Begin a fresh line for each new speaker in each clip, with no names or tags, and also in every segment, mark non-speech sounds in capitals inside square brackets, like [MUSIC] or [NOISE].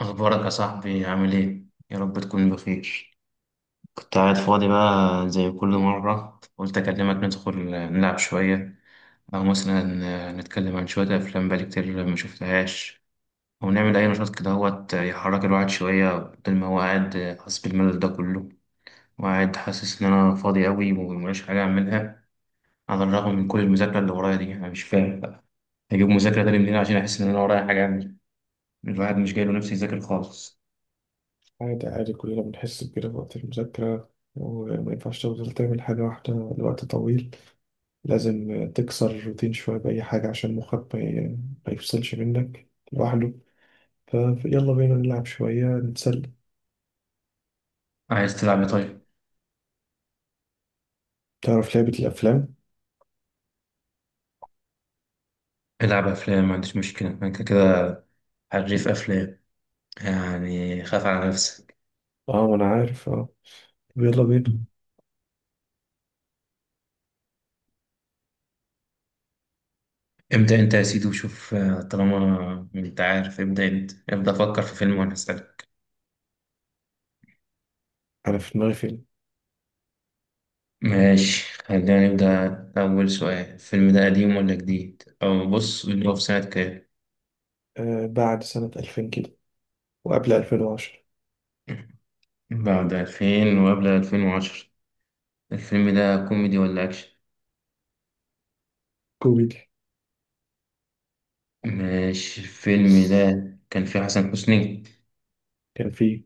أخبارك يا صاحبي؟ عامل إيه؟ يا رب تكون بخير. كنت قاعد فاضي بقى زي كل مرة، قلت أكلمك ندخل نلعب شوية، أو مثلا نتكلم عن شوية أفلام بقالي كتير ما شفتهاش، أو نعمل أي نشاط كده هوت يحرك الواحد شوية، بدل ما هو قاعد حاسس بالملل ده كله، وقاعد حاسس إن أنا فاضي أوي ومليش حاجة أعملها. على الرغم من كل المذاكرة اللي ورايا دي، أنا مش فاهم بقى أجيب مذاكرة تاني منين عشان أحس إن أنا ورايا حاجة أعمل. الواحد مش جاي له نفسي يذاكر خالص.
عادي عادي، كلنا بنحس بكده في وقت المذاكرة وما ينفعش تفضل تعمل حاجة واحدة لوقت طويل. لازم تكسر الروتين شوية بأي حاجة عشان مخك ما يفصلش منك لوحده. فيلا بينا نلعب شوية نتسلى.
عايز تلعب إيه طيب؟
تعرف لعبة الأفلام؟
العب افلام، ما عنديش مشكله، انا كده كده حريف افلام، يعني خاف على نفسك.
اه، ما أنا عارف. اه طب يلا بينا.
ابدا انت يا سيدي وشوف. طالما انت عارف ابدا انت. ابدا فكر في فيلم وانا هسالك.
أنا في دماغي فيلم.
ماشي، خلينا نبدا. اول سؤال: الفيلم ده قديم ولا جديد؟ او بص، اللي هو في سنه كام؟
آه، بعد سنة 2000 كده وقبل 2010.
بعد 2000 وقبل 2010. الفيلم ده كوميدي ولا اكشن؟
كوميدي.
ماشي. الفيلم ده كان فيه حسن حسني؟
كان فيه.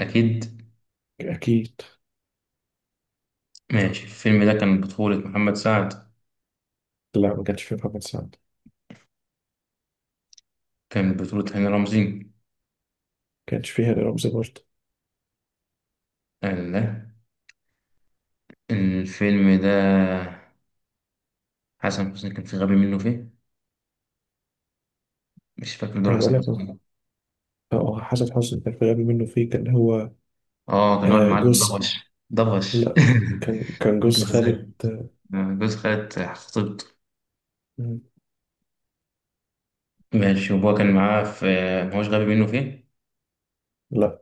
اكيد.
أكيد.
ماشي. الفيلم ده كان بطولة محمد سعد؟
لا، ما كانش فيه محمد سعد.
كان بطولة هاني رمزي؟
ما كانش فيه هاني رمزي برضه.
الله. الفيلم ده حسن حسني كان في غبي منه فيه. مش فاكر دور
أنا بقول
حسن
لك،
حسني.
اه حسن حسني كان في الغبي منه فيه، كان هو.
اه كان هو
آه،
المعلم
جوز.
ضبش ضبش.
لا، كان
[LAUGHS] انت
جوز خالد،
ازاي؟
آه،.
جوز خالة خطيبته.
مم.
ماشي، وهو كان معاه في. ما هوش غبي منه فيه.
لا،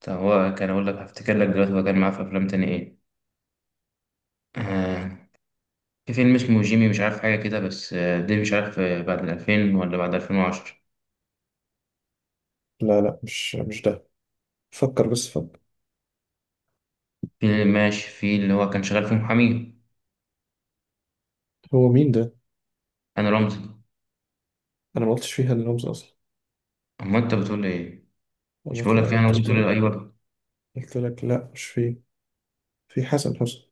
طب هو كان، اقول لك هفتكر لك دلوقتي، هو كان معاه في افلام تاني ايه؟ آه، في فيلم اسمه جيمي، مش عارف حاجة كده بس، ده مش عارف، بعد الألفين ولا بعد ألفين وعشرة؟
لا، لا، مش ده. فكر بس فكر.
في اللي ماشي، في اللي هو كان شغال في محامي.
هو مين ده؟
أنا رمزي.
أنا ما قلتش فيها لرمز أصلا.
أما أنت بتقول لي إيه؟
أنا
مش بقول
قلت لا،
لك يعني
قلت
وصلت له
قلت
اي برضه.
قلت لك لا مش فيه. في حسن حسني.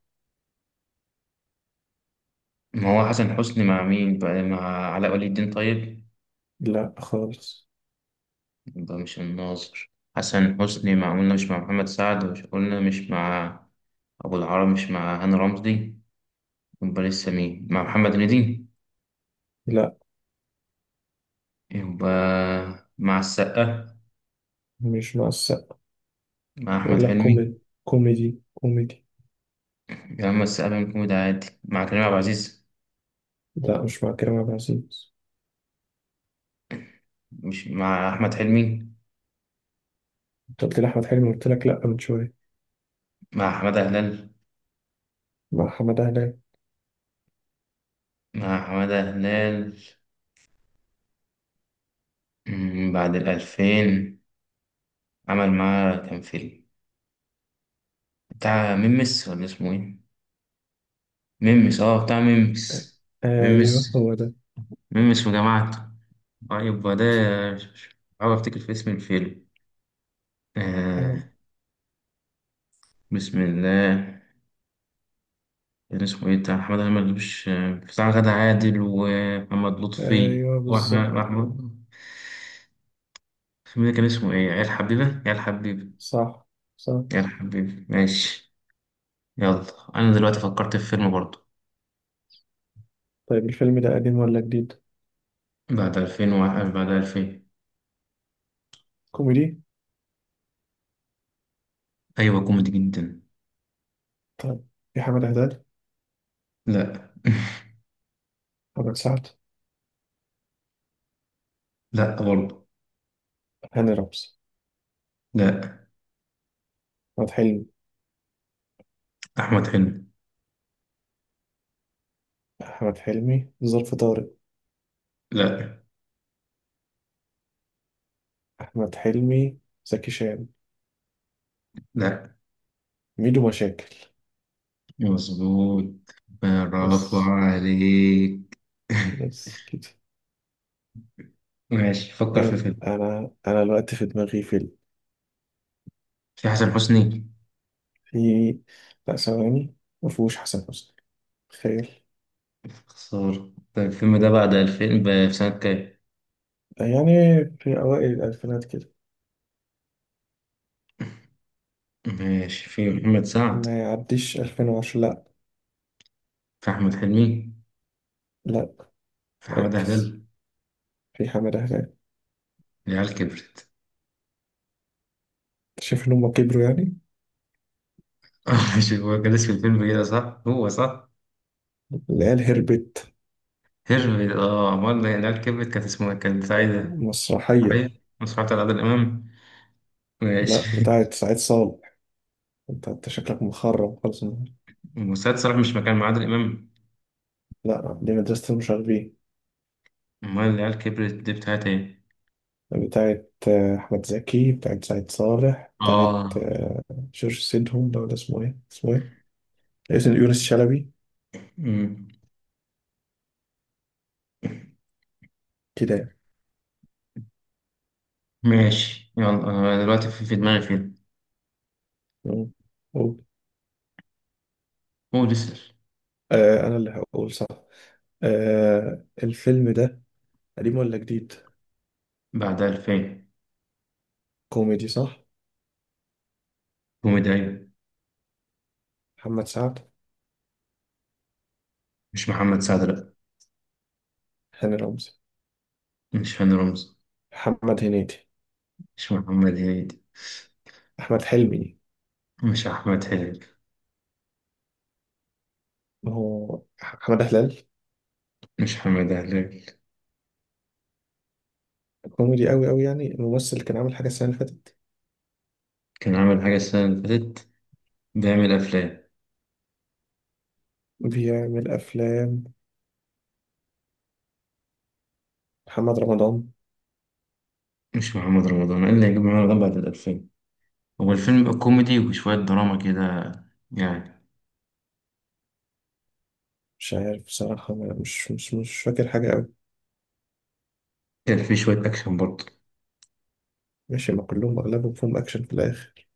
ما هو حسن حسني مع مين بقى؟ مع علاء ولي الدين طيب؟
لا خالص.
يبقى مش الناظر. حسن حسني مع، قلنا مش مع محمد سعد، مش قلنا مش مع ابو العرب، مش مع هاني رمزي، يبقى لسه مين؟ مع محمد هنيدي؟
لا،
يبقى مع السقا؟
مش مع السقا.
مع احمد
بقول لك
حلمي؟
كوميدي كوميدي كوميدي.
يا عم السقا بيعمل كوميدي عادي، مع كريم عبد العزيز،
لا، مش مع كريم عبد العزيز.
مش مع احمد حلمي؟
أنت قلت لي أحمد حلمي، قلت لك لا من شوية.
مع حماده هلال.
مع حمد هلال.
مع حماده هلال. بعد الألفين. عمل معاه كام فيلم؟ بتاع ميمس ولا اسمه ايه؟ ميمس، اه بتاع ميمس.
آه، أيوه
ميمس.
هو ده.
ميمس وجماعته. طيب وده، بحاول افتكر في اسم الفيلم. آه.
آه،
بسم الله. كان اسمه ايه بتاع محمد هلال؟ مش بتاع غادة عادل ومحمد
آه،
لطفي
ايوه بالظبط.
واحمد؟ الفيلم ده كان اسمه ايه؟ عيال حبيبة.
صح. صح.
عيال حبيبة، ماشي. يلا انا دلوقتي فكرت في فيلم برضه.
طيب، الفيلم ده قديم ولا جديد؟
بعد 2000 وواحد، بعد 2000.
كوميدي؟
ايوه كوميدي جدا.
طيب. في حمد هلال،
لا. [LAUGHS]
محمد سعد،
لا برضه.
هاني رمزي،
لا.
أحمد حلمي،
أحمد حلمي.
أحمد حلمي، ظرف طارق،
لا.
أحمد حلمي، زكي شان،
لا.
ميدو مشاكل.
مظبوط، برافو
بس.
عليك. [LAUGHS]
بس كده.
ماشي، فكر في
يلا،
فيلم.
أنا الوقت في دماغي فيلم.
في حسن حسني؟
في. لا، ثواني. مفهوش حسن حسني. تخيل.
خسارة. طيب الفيلم ده بعد 2000 ب- في سنة كام؟
يعني في أوائل الألفينات كده.
ماشي. في محمد سعد؟
ما يعديش 2010. لا.
في أحمد حلمي؟
لا،
في حمادة
ركز.
هلال؟
في حمد هلال.
العيال كبرت.
شايف إن هما كبروا يعني.
[LAUGHS] ماشي، هو كان اسم الفيلم كده صح؟ هو صح؟
اللي هي الهربت.
هرب، اه أمال العيال كبرت؟ كانت اسمها كانت سعيدة،
مسرحية.
عارف؟ مسرحية على عادل إمام، ماشي.
لا،
[LAUGHS]
بتاعت سعيد صالح. انت انت شكلك مخرب خالص النهاردة.
وسيد صلاح مش مكان مع عادل إمام؟
لا، دي مدرسة المشاغبين.
أمال العيال كبرت دي بتاعت إيه؟
بتاعت أحمد زكي. بتاعت سعيد صالح. بتاعت
آه.
آه،. جورج سيدهم ده ولا اسمه ايه، اسمه ايه، اسم يونس شلبي
مم.
كده يعني.
ماشي، يلا، أنا دلوقتي في دماغي فيلم.
مم. قول.
هو ديسل.
آه، أنا اللي هقول صح. آه، الفيلم ده قديم ولا جديد؟
بعد 2000.
كوميدي صح؟
كوميدي أيوة.
محمد سعد.
مش محمد سعد لأ.
هاني رمزي.
مش هاني رمزي.
محمد هنيدي.
مش محمد هنيدي.
أحمد حلمي.
مش أحمد حلمي.
ما هو أحمد هلال.
مش حماد هلال.
كوميدي قوي قوي يعني الممثل اللي كان عامل حاجة السنة اللي فاتت.
كان عامل حاجة السنة اللي فاتت. بيعمل أفلام.
بيعمل أفلام. محمد رمضان.
مش محمد رمضان، إيه اللي هيجيب محمد رمضان بعد الألفين؟ هو الفيلم يبقى كوميدي وشوية دراما كده يعني.
مش عارف بصراحة، مش فاكر حاجة قوي.
كان فيه شوية أكشن برضه.
ماشي، ما كلهم أغلبهم فيهم أكشن في الآخر.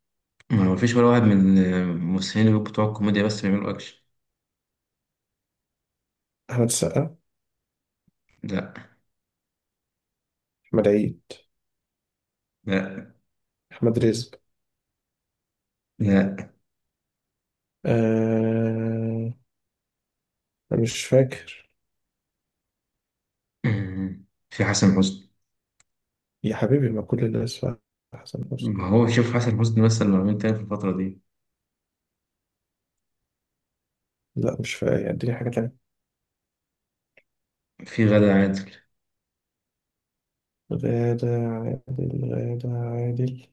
ما فيش ولا واحد من الممثلين اللي بتوع الكوميديا بس بيعملوا اكشن.
أحمد السقا.
لا.
أحمد عيد.
لا.
أحمد رزق.
لا.
آه... مش فاكر.
[CLEARS THROAT] في حسن حسني؟
يا حبيبي ما كل الناس حسن حسني.
ما هو شوف حسن حسني مثلا لو عملت تاني في الفترة دي.
لا مش فاكر، اديني حاجة تانية.
في غادة عادل.
غادة عادل، غادة عادل،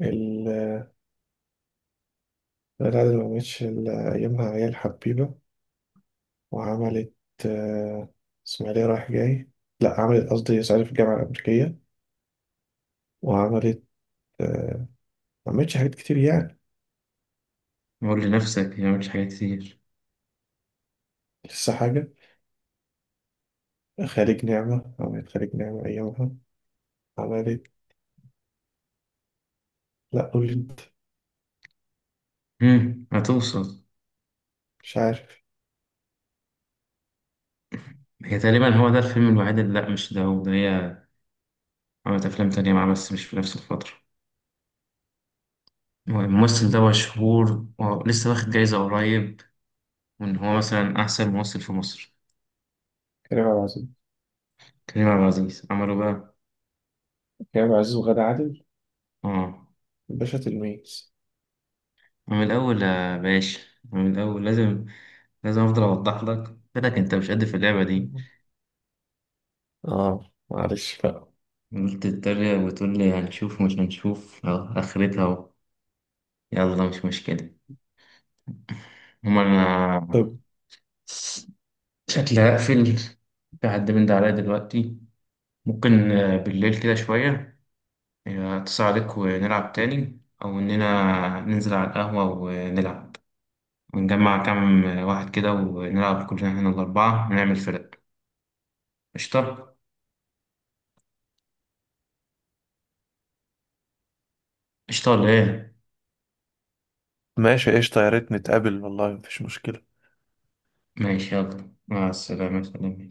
ال- غادة عادل ما عملتش إلا أيامها عيال حبيبة، وعملت، آه، إسماعيلية رايح جاي، لا عملت قصدي صعيدي في الجامعة الأمريكية، وعملت، آه، ما عملتش حاجات كتير يعني.
قول لنفسك ما عملتش حاجات كتير.
لسه حاجة. خارج نعمة، عملت خارج نعمة أيامها. عملت. لا، قول لي أنت.
مم. هتوصل.
مش عارف.
هي تقريبا هو ده الفيلم الوحيد اللي، لا مش ده، هو ده. هي عملت أفلام تانية معاه بس مش في نفس الفترة. هو الممثل ده مشهور ولسه واخد جايزة قريب، وإن هو مثلا أحسن ممثل في مصر.
كريم عبد العزيز.
كريم عبد العزيز عمله بقى.
كريم عبد العزيز وغادة عادل.
آه.
باشا تلميذ.
من الأول يا باشا، من الأول، لازم لازم أفضل أوضح لك. قلت لك أنت مش قد في اللعبة دي.
اه، معلش بقى.
قلت تتريق وتقول لي هنشوف، مش هنشوف أهو، آخرتها أهو. يلا مش مشكلة. هما
طب
أنا شكلي هقفل. في حد من ده عليا دلوقتي. ممكن بالليل كده شوية أتصل عليك ونلعب تاني، أو إننا ننزل على القهوة ونلعب، ونجمع كام واحد كده ونلعب كلنا هنا الأربعة ونعمل فرق. قشطة. قشطة ولا إيه؟
ماشي قشطة، يا ريت نتقابل والله مفيش مشكلة.
ماشي يلا مع السلامة، خلينا.